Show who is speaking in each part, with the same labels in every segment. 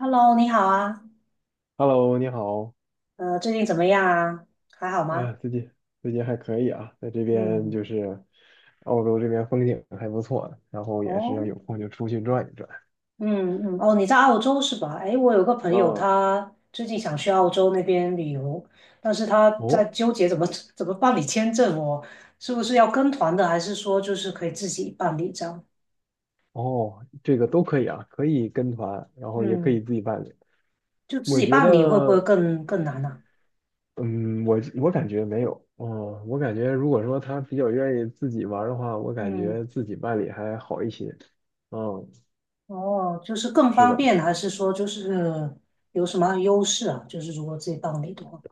Speaker 1: Hello，你好啊，
Speaker 2: Hello，你好。
Speaker 1: 最近怎么样啊？还好
Speaker 2: 哎呀，
Speaker 1: 吗？
Speaker 2: 最近还可以啊，在这边
Speaker 1: 嗯，
Speaker 2: 就是澳洲这边风景还不错，然后也是要
Speaker 1: 哦，
Speaker 2: 有空就出去转一转。
Speaker 1: 嗯嗯，哦，你在澳洲是吧？哎，我有个朋友，
Speaker 2: 嗯，
Speaker 1: 他最近想去澳洲那边旅游，但是他在
Speaker 2: 哦
Speaker 1: 纠结怎么 怎么办理签证哦，是不是要跟团的，还是说就是可以自己办理这样？
Speaker 2: 哦，这个都可以啊，可以跟团，然后也可以
Speaker 1: 嗯，
Speaker 2: 自己办理。
Speaker 1: 就自
Speaker 2: 我
Speaker 1: 己
Speaker 2: 觉
Speaker 1: 办理会不会
Speaker 2: 得，
Speaker 1: 更难呢、
Speaker 2: 嗯，我感觉没有，哦，我感觉如果说他比较愿意自己玩儿的话，我感
Speaker 1: 嗯，
Speaker 2: 觉自己办理还好一些。嗯，
Speaker 1: 哦，就是更
Speaker 2: 是
Speaker 1: 方
Speaker 2: 的，
Speaker 1: 便，
Speaker 2: 是的。
Speaker 1: 还是说就是有什么优势啊？就是如果自己办理的话，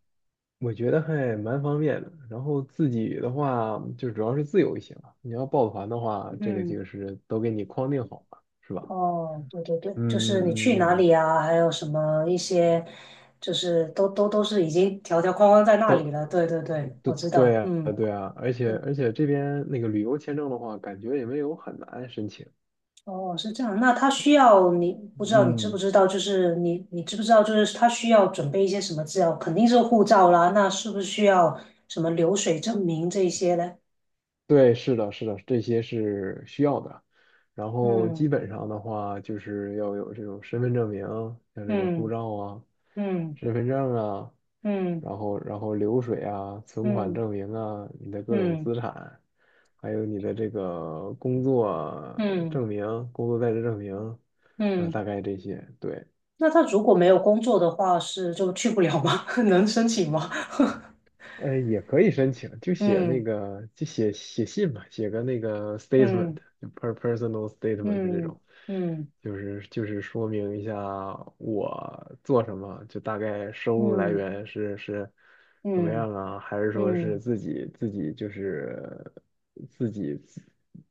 Speaker 2: 我觉得还蛮方便的。然后自己的话，就主要是自由行啊。你要报团的话，这个
Speaker 1: 嗯
Speaker 2: 就是都给你框定好了，是吧？
Speaker 1: 哦，对对对，
Speaker 2: 嗯
Speaker 1: 就是你
Speaker 2: 嗯
Speaker 1: 去哪
Speaker 2: 嗯，嗯
Speaker 1: 里啊，还有什么一些，就是都是已经条条框框在那里
Speaker 2: 都
Speaker 1: 了。对对对，
Speaker 2: 对
Speaker 1: 我知
Speaker 2: 对
Speaker 1: 道，
Speaker 2: 啊
Speaker 1: 嗯，
Speaker 2: 对啊，而且
Speaker 1: 嗯
Speaker 2: 而且这边那个旅游签证的话，感觉也没有很难申请。
Speaker 1: 哦，是这样。那他需要你，不知道你知不
Speaker 2: 嗯，
Speaker 1: 知道，就是你知不知道，就是他需要准备一些什么资料？肯定是护照啦，那是不是需要什么流水证明这一些呢？
Speaker 2: 对，是的，是的，这些是需要的。然后基
Speaker 1: 嗯
Speaker 2: 本上的话，就是要有这种身份证明，像这个护
Speaker 1: 嗯
Speaker 2: 照啊、
Speaker 1: 嗯
Speaker 2: 身份证啊。
Speaker 1: 嗯
Speaker 2: 然后流水啊、存款
Speaker 1: 嗯
Speaker 2: 证明啊、你的各种
Speaker 1: 嗯
Speaker 2: 资产，还有你的这个工作
Speaker 1: 嗯嗯
Speaker 2: 证明、工作在职证明，啊、
Speaker 1: 嗯。
Speaker 2: 大概这些，对。
Speaker 1: 那他如果没有工作的话，是就去不了吗？能申请吗？
Speaker 2: 也可以申请，就写那
Speaker 1: 嗯
Speaker 2: 个，就写信吧，写个那个 statement，
Speaker 1: 嗯
Speaker 2: 就 personal statement 这
Speaker 1: 嗯
Speaker 2: 种，
Speaker 1: 嗯
Speaker 2: 就是说明一下我做什么，就大概收入来
Speaker 1: 嗯
Speaker 2: 源是什么
Speaker 1: 嗯
Speaker 2: 样啊，还是说是
Speaker 1: 嗯，
Speaker 2: 自己就是自己自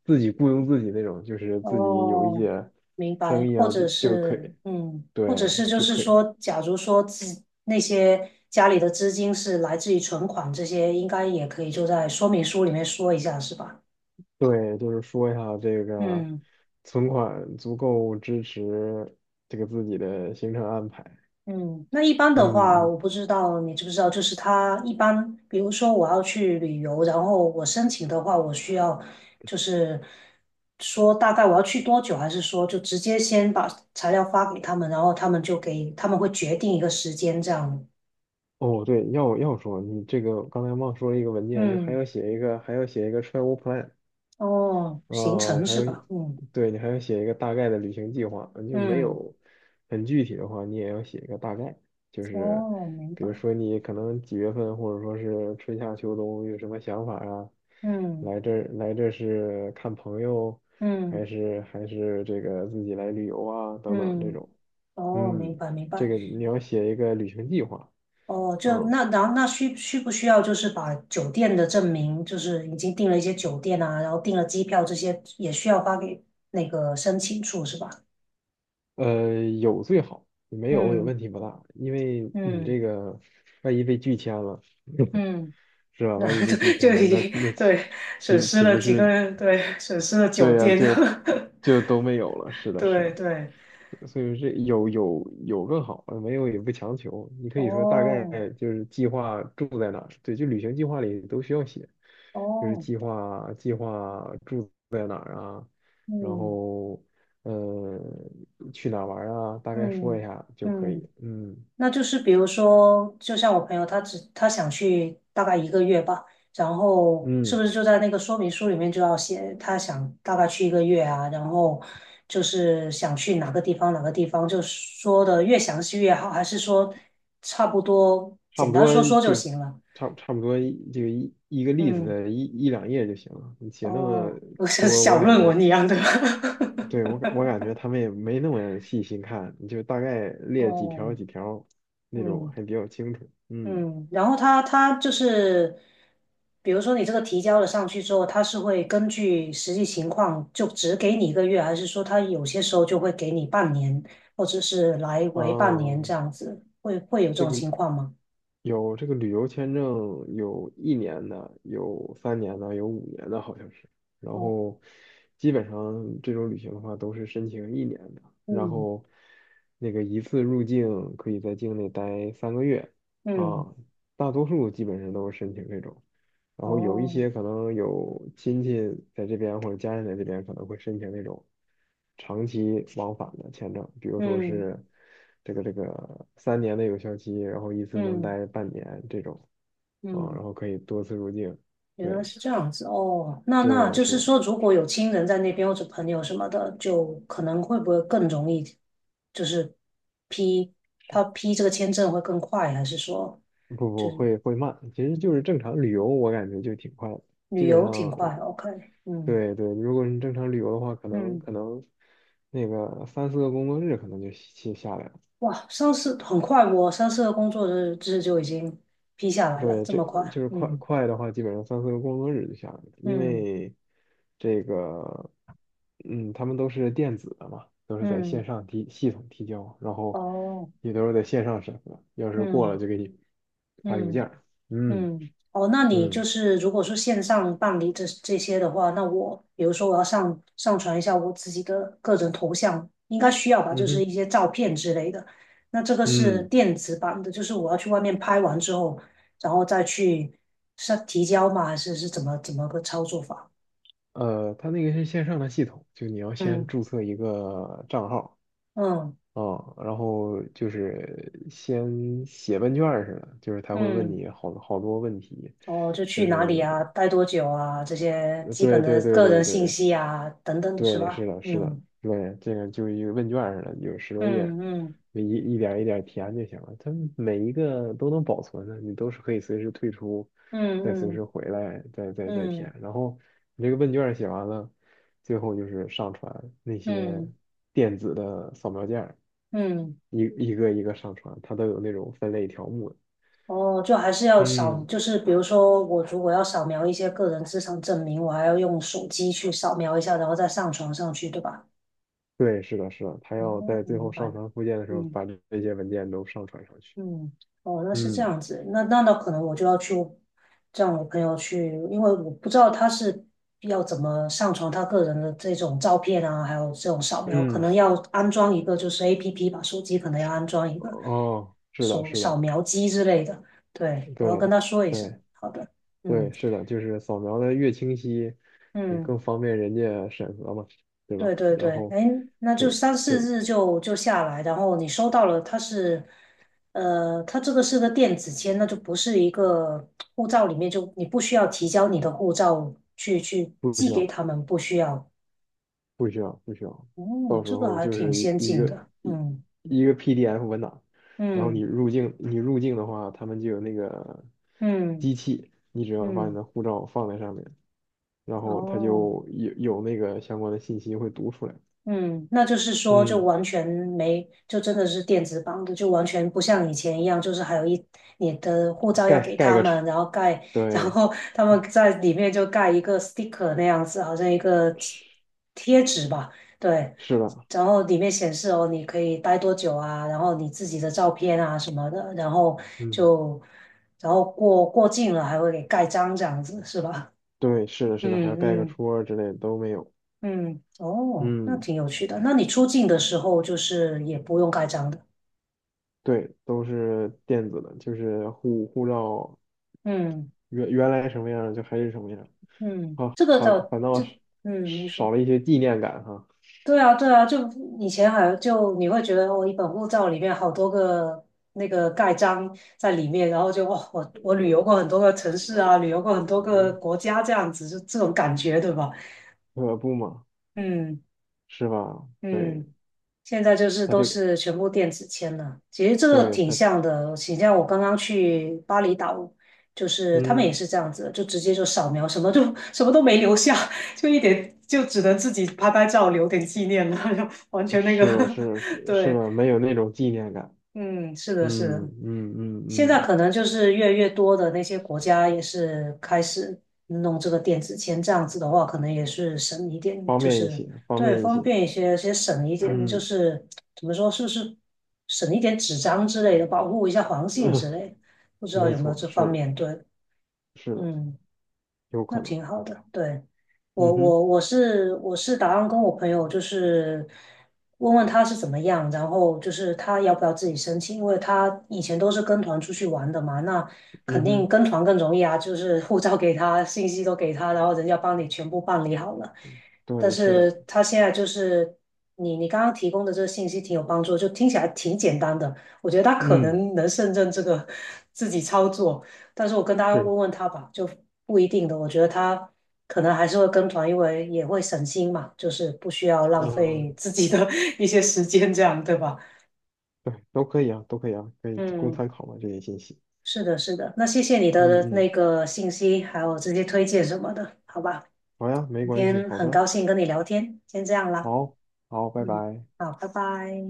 Speaker 2: 自己雇佣自己那种，就是自己有一
Speaker 1: 哦，
Speaker 2: 些
Speaker 1: 明白。
Speaker 2: 生意
Speaker 1: 或
Speaker 2: 啊，就
Speaker 1: 者
Speaker 2: 就可
Speaker 1: 是
Speaker 2: 以，
Speaker 1: 嗯，或者
Speaker 2: 对，
Speaker 1: 是就
Speaker 2: 就
Speaker 1: 是
Speaker 2: 可以。
Speaker 1: 说，假如说自那些家里的资金是来自于存款，这些应该也可以就在说明书里面说一下，是吧？
Speaker 2: 对，就是说一下这个
Speaker 1: 嗯。
Speaker 2: 存款足够支持这个自己的行程安排。
Speaker 1: 嗯，那一般
Speaker 2: 嗯
Speaker 1: 的话，我
Speaker 2: 嗯，
Speaker 1: 不知道你知不知道，就是他一般，比如说我要去旅游，然后我申请的话，我需要就是说大概我要去多久，还是说就直接先把材料发给他们，然后他们就给他们会决定一个时间这样。
Speaker 2: 哦对，要说你这个刚才忘说了一个文件，就还
Speaker 1: 嗯，
Speaker 2: 要写一个还要写一个 travel plan。
Speaker 1: 哦，行
Speaker 2: 哦，
Speaker 1: 程
Speaker 2: 还
Speaker 1: 是
Speaker 2: 有，
Speaker 1: 吧？嗯
Speaker 2: 对，你还要写一个大概的旅行计划，就没
Speaker 1: 嗯，
Speaker 2: 有很具体的话，你也要写一个大概，就是
Speaker 1: 哦，明
Speaker 2: 比如
Speaker 1: 白。
Speaker 2: 说你可能几月份，或者说是春夏秋冬有什么想法啊？
Speaker 1: 嗯
Speaker 2: 来这是看朋友，
Speaker 1: 嗯
Speaker 2: 还是这个自己来旅游啊？等等这
Speaker 1: 嗯，
Speaker 2: 种，
Speaker 1: 哦，
Speaker 2: 嗯，
Speaker 1: 明白明
Speaker 2: 这
Speaker 1: 白。
Speaker 2: 个你要写一个旅行计划，
Speaker 1: 哦，
Speaker 2: 啊，
Speaker 1: 就那然后那需不需要就是把酒店的证明，就是已经订了一些酒店啊，然后订了机票这些也需要发给那个申请处是吧？
Speaker 2: 有最好，没有也
Speaker 1: 嗯
Speaker 2: 问题不大，因为你
Speaker 1: 嗯
Speaker 2: 这个万一被拒签了。
Speaker 1: 嗯，
Speaker 2: 是吧？
Speaker 1: 那
Speaker 2: 万一 被
Speaker 1: 就
Speaker 2: 拒签
Speaker 1: 就
Speaker 2: 了，
Speaker 1: 已
Speaker 2: 那
Speaker 1: 经
Speaker 2: 那岂
Speaker 1: 对损
Speaker 2: 岂
Speaker 1: 失
Speaker 2: 岂
Speaker 1: 了
Speaker 2: 不
Speaker 1: 几个，
Speaker 2: 是？
Speaker 1: 人，对损失了酒
Speaker 2: 对呀、
Speaker 1: 店，
Speaker 2: 就都没有了。是 的，是
Speaker 1: 对
Speaker 2: 的，
Speaker 1: 对，
Speaker 2: 所以说这有更好，没有也不强求。你可以说大
Speaker 1: 哦
Speaker 2: 概就是计划住在哪儿，对，就旅行计划里都需要写，就是
Speaker 1: 哦，
Speaker 2: 计划住在哪儿啊，然
Speaker 1: 嗯
Speaker 2: 后呃去哪儿玩儿啊，大概说一
Speaker 1: 嗯
Speaker 2: 下就可
Speaker 1: 嗯。
Speaker 2: 以。嗯
Speaker 1: 那就是比如说，就像我朋友，他只他想去大概一个月吧，然后是不
Speaker 2: 嗯。
Speaker 1: 是就在那个说明书里面就要写他想大概去一个月啊，然后就是想去哪个地方哪个地方，就说的越详细越好，还是说差不多
Speaker 2: 差不
Speaker 1: 简单
Speaker 2: 多
Speaker 1: 说说就
Speaker 2: 就
Speaker 1: 行了？
Speaker 2: 差不多就一个例子
Speaker 1: 嗯，
Speaker 2: 的一两页就行了。你写那么
Speaker 1: 哦，不是
Speaker 2: 多，我
Speaker 1: 小
Speaker 2: 感
Speaker 1: 论
Speaker 2: 觉，
Speaker 1: 文一样的。
Speaker 2: 对，我感觉他们也没那么细心看，你就大概 列几条
Speaker 1: 哦，
Speaker 2: 几条那种，
Speaker 1: 嗯。
Speaker 2: 还比较清楚。嗯，
Speaker 1: 嗯，然后他就是，比如说你这个提交了上去之后，他是会根据实际情况就只给你一个月，还是说他有些时候就会给你半年，或者是来回半年
Speaker 2: 哦，
Speaker 1: 这样子，会会有这
Speaker 2: 这
Speaker 1: 种
Speaker 2: 个。
Speaker 1: 情况吗？
Speaker 2: 有这个旅游签证，有一年的，有三年的，有五年的，好像是。然
Speaker 1: 哦
Speaker 2: 后基本上这种旅行的话，都是申请一年的。然
Speaker 1: 嗯，
Speaker 2: 后那个一次入境可以在境内待三个月
Speaker 1: 嗯，
Speaker 2: 啊，大多数基本上都是申请这种。然后有一
Speaker 1: 哦，
Speaker 2: 些可能有亲戚在这边或者家人在这边，可能会申请那种长期往返的签证，比如说
Speaker 1: 嗯
Speaker 2: 是这个三年的有效期，然后一次能
Speaker 1: 嗯
Speaker 2: 待半年这种啊，然
Speaker 1: 嗯。
Speaker 2: 后可以多次入境。
Speaker 1: 原
Speaker 2: 对
Speaker 1: 来是这样子哦，那那
Speaker 2: 对，
Speaker 1: 就
Speaker 2: 是
Speaker 1: 是
Speaker 2: 的，
Speaker 1: 说，如果有亲人在那边或者朋友什么的，就可能会不会更容易，就是批他批这个签证会更快，还是说
Speaker 2: 不
Speaker 1: 就
Speaker 2: 不
Speaker 1: 是
Speaker 2: 会会慢，其实就是正常旅游，我感觉就挺快的，基
Speaker 1: 旅
Speaker 2: 本
Speaker 1: 游挺
Speaker 2: 上
Speaker 1: 快？OK,嗯
Speaker 2: 对对，如果你正常旅游的话，可能
Speaker 1: 嗯，
Speaker 2: 可能那个三四个工作日可能就下来了。
Speaker 1: 哇，上次很快，我上次的工作日志就已经批下来了，
Speaker 2: 对，
Speaker 1: 这
Speaker 2: 这
Speaker 1: 么快，
Speaker 2: 就是快
Speaker 1: 嗯
Speaker 2: 快的话，基本上三四个工作日就下来了，因
Speaker 1: 嗯
Speaker 2: 为这个，嗯，他们都是电子的嘛，都是在线
Speaker 1: 嗯，
Speaker 2: 上提系统提交，然后
Speaker 1: 哦，
Speaker 2: 也都是在线上审核，要是过了
Speaker 1: 嗯
Speaker 2: 就给你发邮件
Speaker 1: 嗯。
Speaker 2: 儿嗯
Speaker 1: 嗯，哦，那你就
Speaker 2: 嗯
Speaker 1: 是如果说线上办理这些的话，那我比如说我要上传一下我自己的个人头像，应该需要吧，就
Speaker 2: 嗯
Speaker 1: 是
Speaker 2: 哼
Speaker 1: 一些照片之类的。那这个是
Speaker 2: 嗯，
Speaker 1: 电子版的，就是我要去外面拍完之后，然后再去上提交吗？还是是怎么个操作法？
Speaker 2: 他那个是线上的系统，就你要先
Speaker 1: 嗯
Speaker 2: 注册一个账号。
Speaker 1: 嗯
Speaker 2: 啊，然后就是先写问卷儿似的，就是他会问
Speaker 1: 嗯，
Speaker 2: 你好多问题，
Speaker 1: 哦，就
Speaker 2: 就
Speaker 1: 去哪里
Speaker 2: 是
Speaker 1: 啊，待多久啊，这些基本
Speaker 2: 对对
Speaker 1: 的
Speaker 2: 对
Speaker 1: 个
Speaker 2: 对
Speaker 1: 人信
Speaker 2: 对
Speaker 1: 息啊，等等，是
Speaker 2: 对，
Speaker 1: 吧？
Speaker 2: 是的，是的，
Speaker 1: 嗯
Speaker 2: 对，这个就一个问卷儿似的，有十多页儿，
Speaker 1: 嗯嗯
Speaker 2: 一点儿一点儿填就行了。它每一个都能保存的，你都是可以随时退出，再随
Speaker 1: 嗯
Speaker 2: 时回来，再
Speaker 1: 嗯嗯。
Speaker 2: 填。然后你这个问卷儿写完了，最后就是上传那些
Speaker 1: 嗯
Speaker 2: 电子的扫描件儿，
Speaker 1: 嗯，
Speaker 2: 一一个一个上传，它都有那种分类条目的
Speaker 1: 哦，就还是要扫，
Speaker 2: 嗯，
Speaker 1: 就是比如说我如果要扫描一些个人资产证明，我还要用手机去扫描一下，然后再上传上去，对吧？
Speaker 2: 对，是的，是的，它
Speaker 1: 哦，
Speaker 2: 要在
Speaker 1: 我
Speaker 2: 最
Speaker 1: 明
Speaker 2: 后
Speaker 1: 白
Speaker 2: 上
Speaker 1: 了。
Speaker 2: 传附件的时候
Speaker 1: 嗯。
Speaker 2: 把这些文件都上传上去。
Speaker 1: 嗯，哦，那是这
Speaker 2: 嗯。
Speaker 1: 样子，那可能我就要去让我朋友去，因为我不知道他是要怎么上传他个人的这种照片啊，还有这种扫描，可
Speaker 2: 嗯，
Speaker 1: 能要安装一个就是 APP 吧，手机可能要安装一个
Speaker 2: 哦，是的，
Speaker 1: 手
Speaker 2: 是
Speaker 1: 扫
Speaker 2: 的，
Speaker 1: 描机之类的。对，我要跟
Speaker 2: 对，
Speaker 1: 他说一声。
Speaker 2: 对，
Speaker 1: 好的，嗯
Speaker 2: 对，是的，就是扫描的越清晰，也
Speaker 1: 嗯。
Speaker 2: 更方便人家审核嘛，对
Speaker 1: 对
Speaker 2: 吧？
Speaker 1: 对
Speaker 2: 然
Speaker 1: 对，
Speaker 2: 后，
Speaker 1: 哎，那
Speaker 2: 这
Speaker 1: 就
Speaker 2: 个
Speaker 1: 三四
Speaker 2: 这个
Speaker 1: 日就就下来，然后你收到了，它是，呃，它这个是个电子签，那就不是一个护照里面就你不需要提交你的护照去
Speaker 2: 不需
Speaker 1: 寄给
Speaker 2: 要，
Speaker 1: 他们，不需要。
Speaker 2: 不需要，不需要，
Speaker 1: 嗯，
Speaker 2: 到时
Speaker 1: 这个
Speaker 2: 候
Speaker 1: 还
Speaker 2: 就
Speaker 1: 挺
Speaker 2: 是一
Speaker 1: 先
Speaker 2: 一
Speaker 1: 进
Speaker 2: 个
Speaker 1: 的。
Speaker 2: 一
Speaker 1: 嗯
Speaker 2: 一个 PDF 文档，然后你
Speaker 1: 嗯
Speaker 2: 入境，入境的话，他们就有那个
Speaker 1: 嗯
Speaker 2: 机器，你只要把你
Speaker 1: 嗯，
Speaker 2: 的护照放在上面，然后它
Speaker 1: 哦。
Speaker 2: 就有那个相关的信息会读出来，
Speaker 1: 嗯，那就是说，就
Speaker 2: 嗯，
Speaker 1: 完全没，就真的是电子版的，就完全不像以前一样，就是还有一你的护照要
Speaker 2: 盖
Speaker 1: 给
Speaker 2: 盖
Speaker 1: 他
Speaker 2: 个戳，
Speaker 1: 们，然后盖，然
Speaker 2: 对。
Speaker 1: 后他们在里面就盖一个 sticker 那样子，好像一个贴
Speaker 2: 是
Speaker 1: 贴纸吧，对，
Speaker 2: 是的，
Speaker 1: 然后里面显示哦，你可以待多久啊，然后你自己的照片啊什么的，然后
Speaker 2: 嗯
Speaker 1: 就然后过境了还会给盖章这样子，是吧？
Speaker 2: 对，是的，是的，还要
Speaker 1: 嗯
Speaker 2: 盖个
Speaker 1: 嗯。
Speaker 2: 戳儿之类的都没有，
Speaker 1: 嗯，哦，那
Speaker 2: 嗯，
Speaker 1: 挺有趣的。那你出境的时候就是也不用盖章的。
Speaker 2: 对，都是电子的，就是护照
Speaker 1: 嗯
Speaker 2: 原来什么样就还是什么样，
Speaker 1: 嗯，
Speaker 2: 啊，
Speaker 1: 这个
Speaker 2: 反
Speaker 1: 倒
Speaker 2: 反倒
Speaker 1: 这
Speaker 2: 是
Speaker 1: 嗯，您说
Speaker 2: 少了一些纪念感哈，
Speaker 1: 对啊对啊，就以前好像就你会觉得哦，一本护照里面好多个那个盖章在里面，然后就哇，我旅游过很多个城市啊，旅游过很多个国家这样子，就这种感觉对吧？
Speaker 2: 可不嘛，
Speaker 1: 嗯
Speaker 2: 是吧？对，
Speaker 1: 嗯。现在就是
Speaker 2: 他
Speaker 1: 都
Speaker 2: 这个，
Speaker 1: 是全部电子签了，其实这个
Speaker 2: 对
Speaker 1: 挺
Speaker 2: 他，
Speaker 1: 像的，挺像我刚刚去巴厘岛，就是他们也
Speaker 2: 嗯
Speaker 1: 是这样子的，就直接就扫描，什么就什么都没留下，就一点就只能自己拍拍照留点纪念了，就完全那个，
Speaker 2: 是的，是的 是是
Speaker 1: 对，
Speaker 2: 的，没有那种纪念感，
Speaker 1: 嗯，是的，是
Speaker 2: 嗯
Speaker 1: 的，
Speaker 2: 嗯嗯
Speaker 1: 现在
Speaker 2: 嗯
Speaker 1: 可能就是越来越多的那些国家也是开始弄这个电子签，这样子的话，可能也是省一点，
Speaker 2: 方
Speaker 1: 就
Speaker 2: 便一
Speaker 1: 是
Speaker 2: 些，方
Speaker 1: 对
Speaker 2: 便一
Speaker 1: 方
Speaker 2: 些，
Speaker 1: 便一些，先省一点，就
Speaker 2: 嗯，
Speaker 1: 是怎么说，是不是省一点纸张之类的，保护一下环境之 类的，不知道
Speaker 2: 没
Speaker 1: 有没有
Speaker 2: 错，
Speaker 1: 这
Speaker 2: 是
Speaker 1: 方
Speaker 2: 的，
Speaker 1: 面对，
Speaker 2: 是的，
Speaker 1: 嗯。
Speaker 2: 有
Speaker 1: 那
Speaker 2: 可能，
Speaker 1: 挺好的。对，我
Speaker 2: 嗯哼，
Speaker 1: 我我是我是打算跟我朋友就是问问他是怎么样，然后就是他要不要自己申请，因为他以前都是跟团出去玩的嘛，那肯
Speaker 2: 嗯
Speaker 1: 定
Speaker 2: 哼，
Speaker 1: 跟团更容易啊，就是护照给他，信息都给他，然后人家帮你全部办理好了。但
Speaker 2: 对，是的，
Speaker 1: 是他现在就是你你刚刚提供的这个信息挺有帮助，就听起来挺简单的，我觉得他可
Speaker 2: 嗯，
Speaker 1: 能能胜任这个 自己操作。但是我跟他
Speaker 2: 是的，
Speaker 1: 问问他吧，就不一定的。我觉得他可能还是会跟团，因为也会省心嘛，就是不需要浪
Speaker 2: 嗯，
Speaker 1: 费自己的 一些时间，这样对吧？
Speaker 2: 对，都可以啊，都可以啊，可以供
Speaker 1: 嗯，
Speaker 2: 参考嘛，这些信息，
Speaker 1: 是的，是的。那谢谢你
Speaker 2: 嗯
Speaker 1: 的那
Speaker 2: 嗯，
Speaker 1: 个信息，还有这些推荐什么的，好吧？
Speaker 2: 好呀，没
Speaker 1: 今
Speaker 2: 关系，
Speaker 1: 天
Speaker 2: 好
Speaker 1: 很
Speaker 2: 的，
Speaker 1: 高兴跟你聊天，先这样啦。
Speaker 2: 好，好，拜
Speaker 1: 嗯，
Speaker 2: 拜。
Speaker 1: 好，拜拜。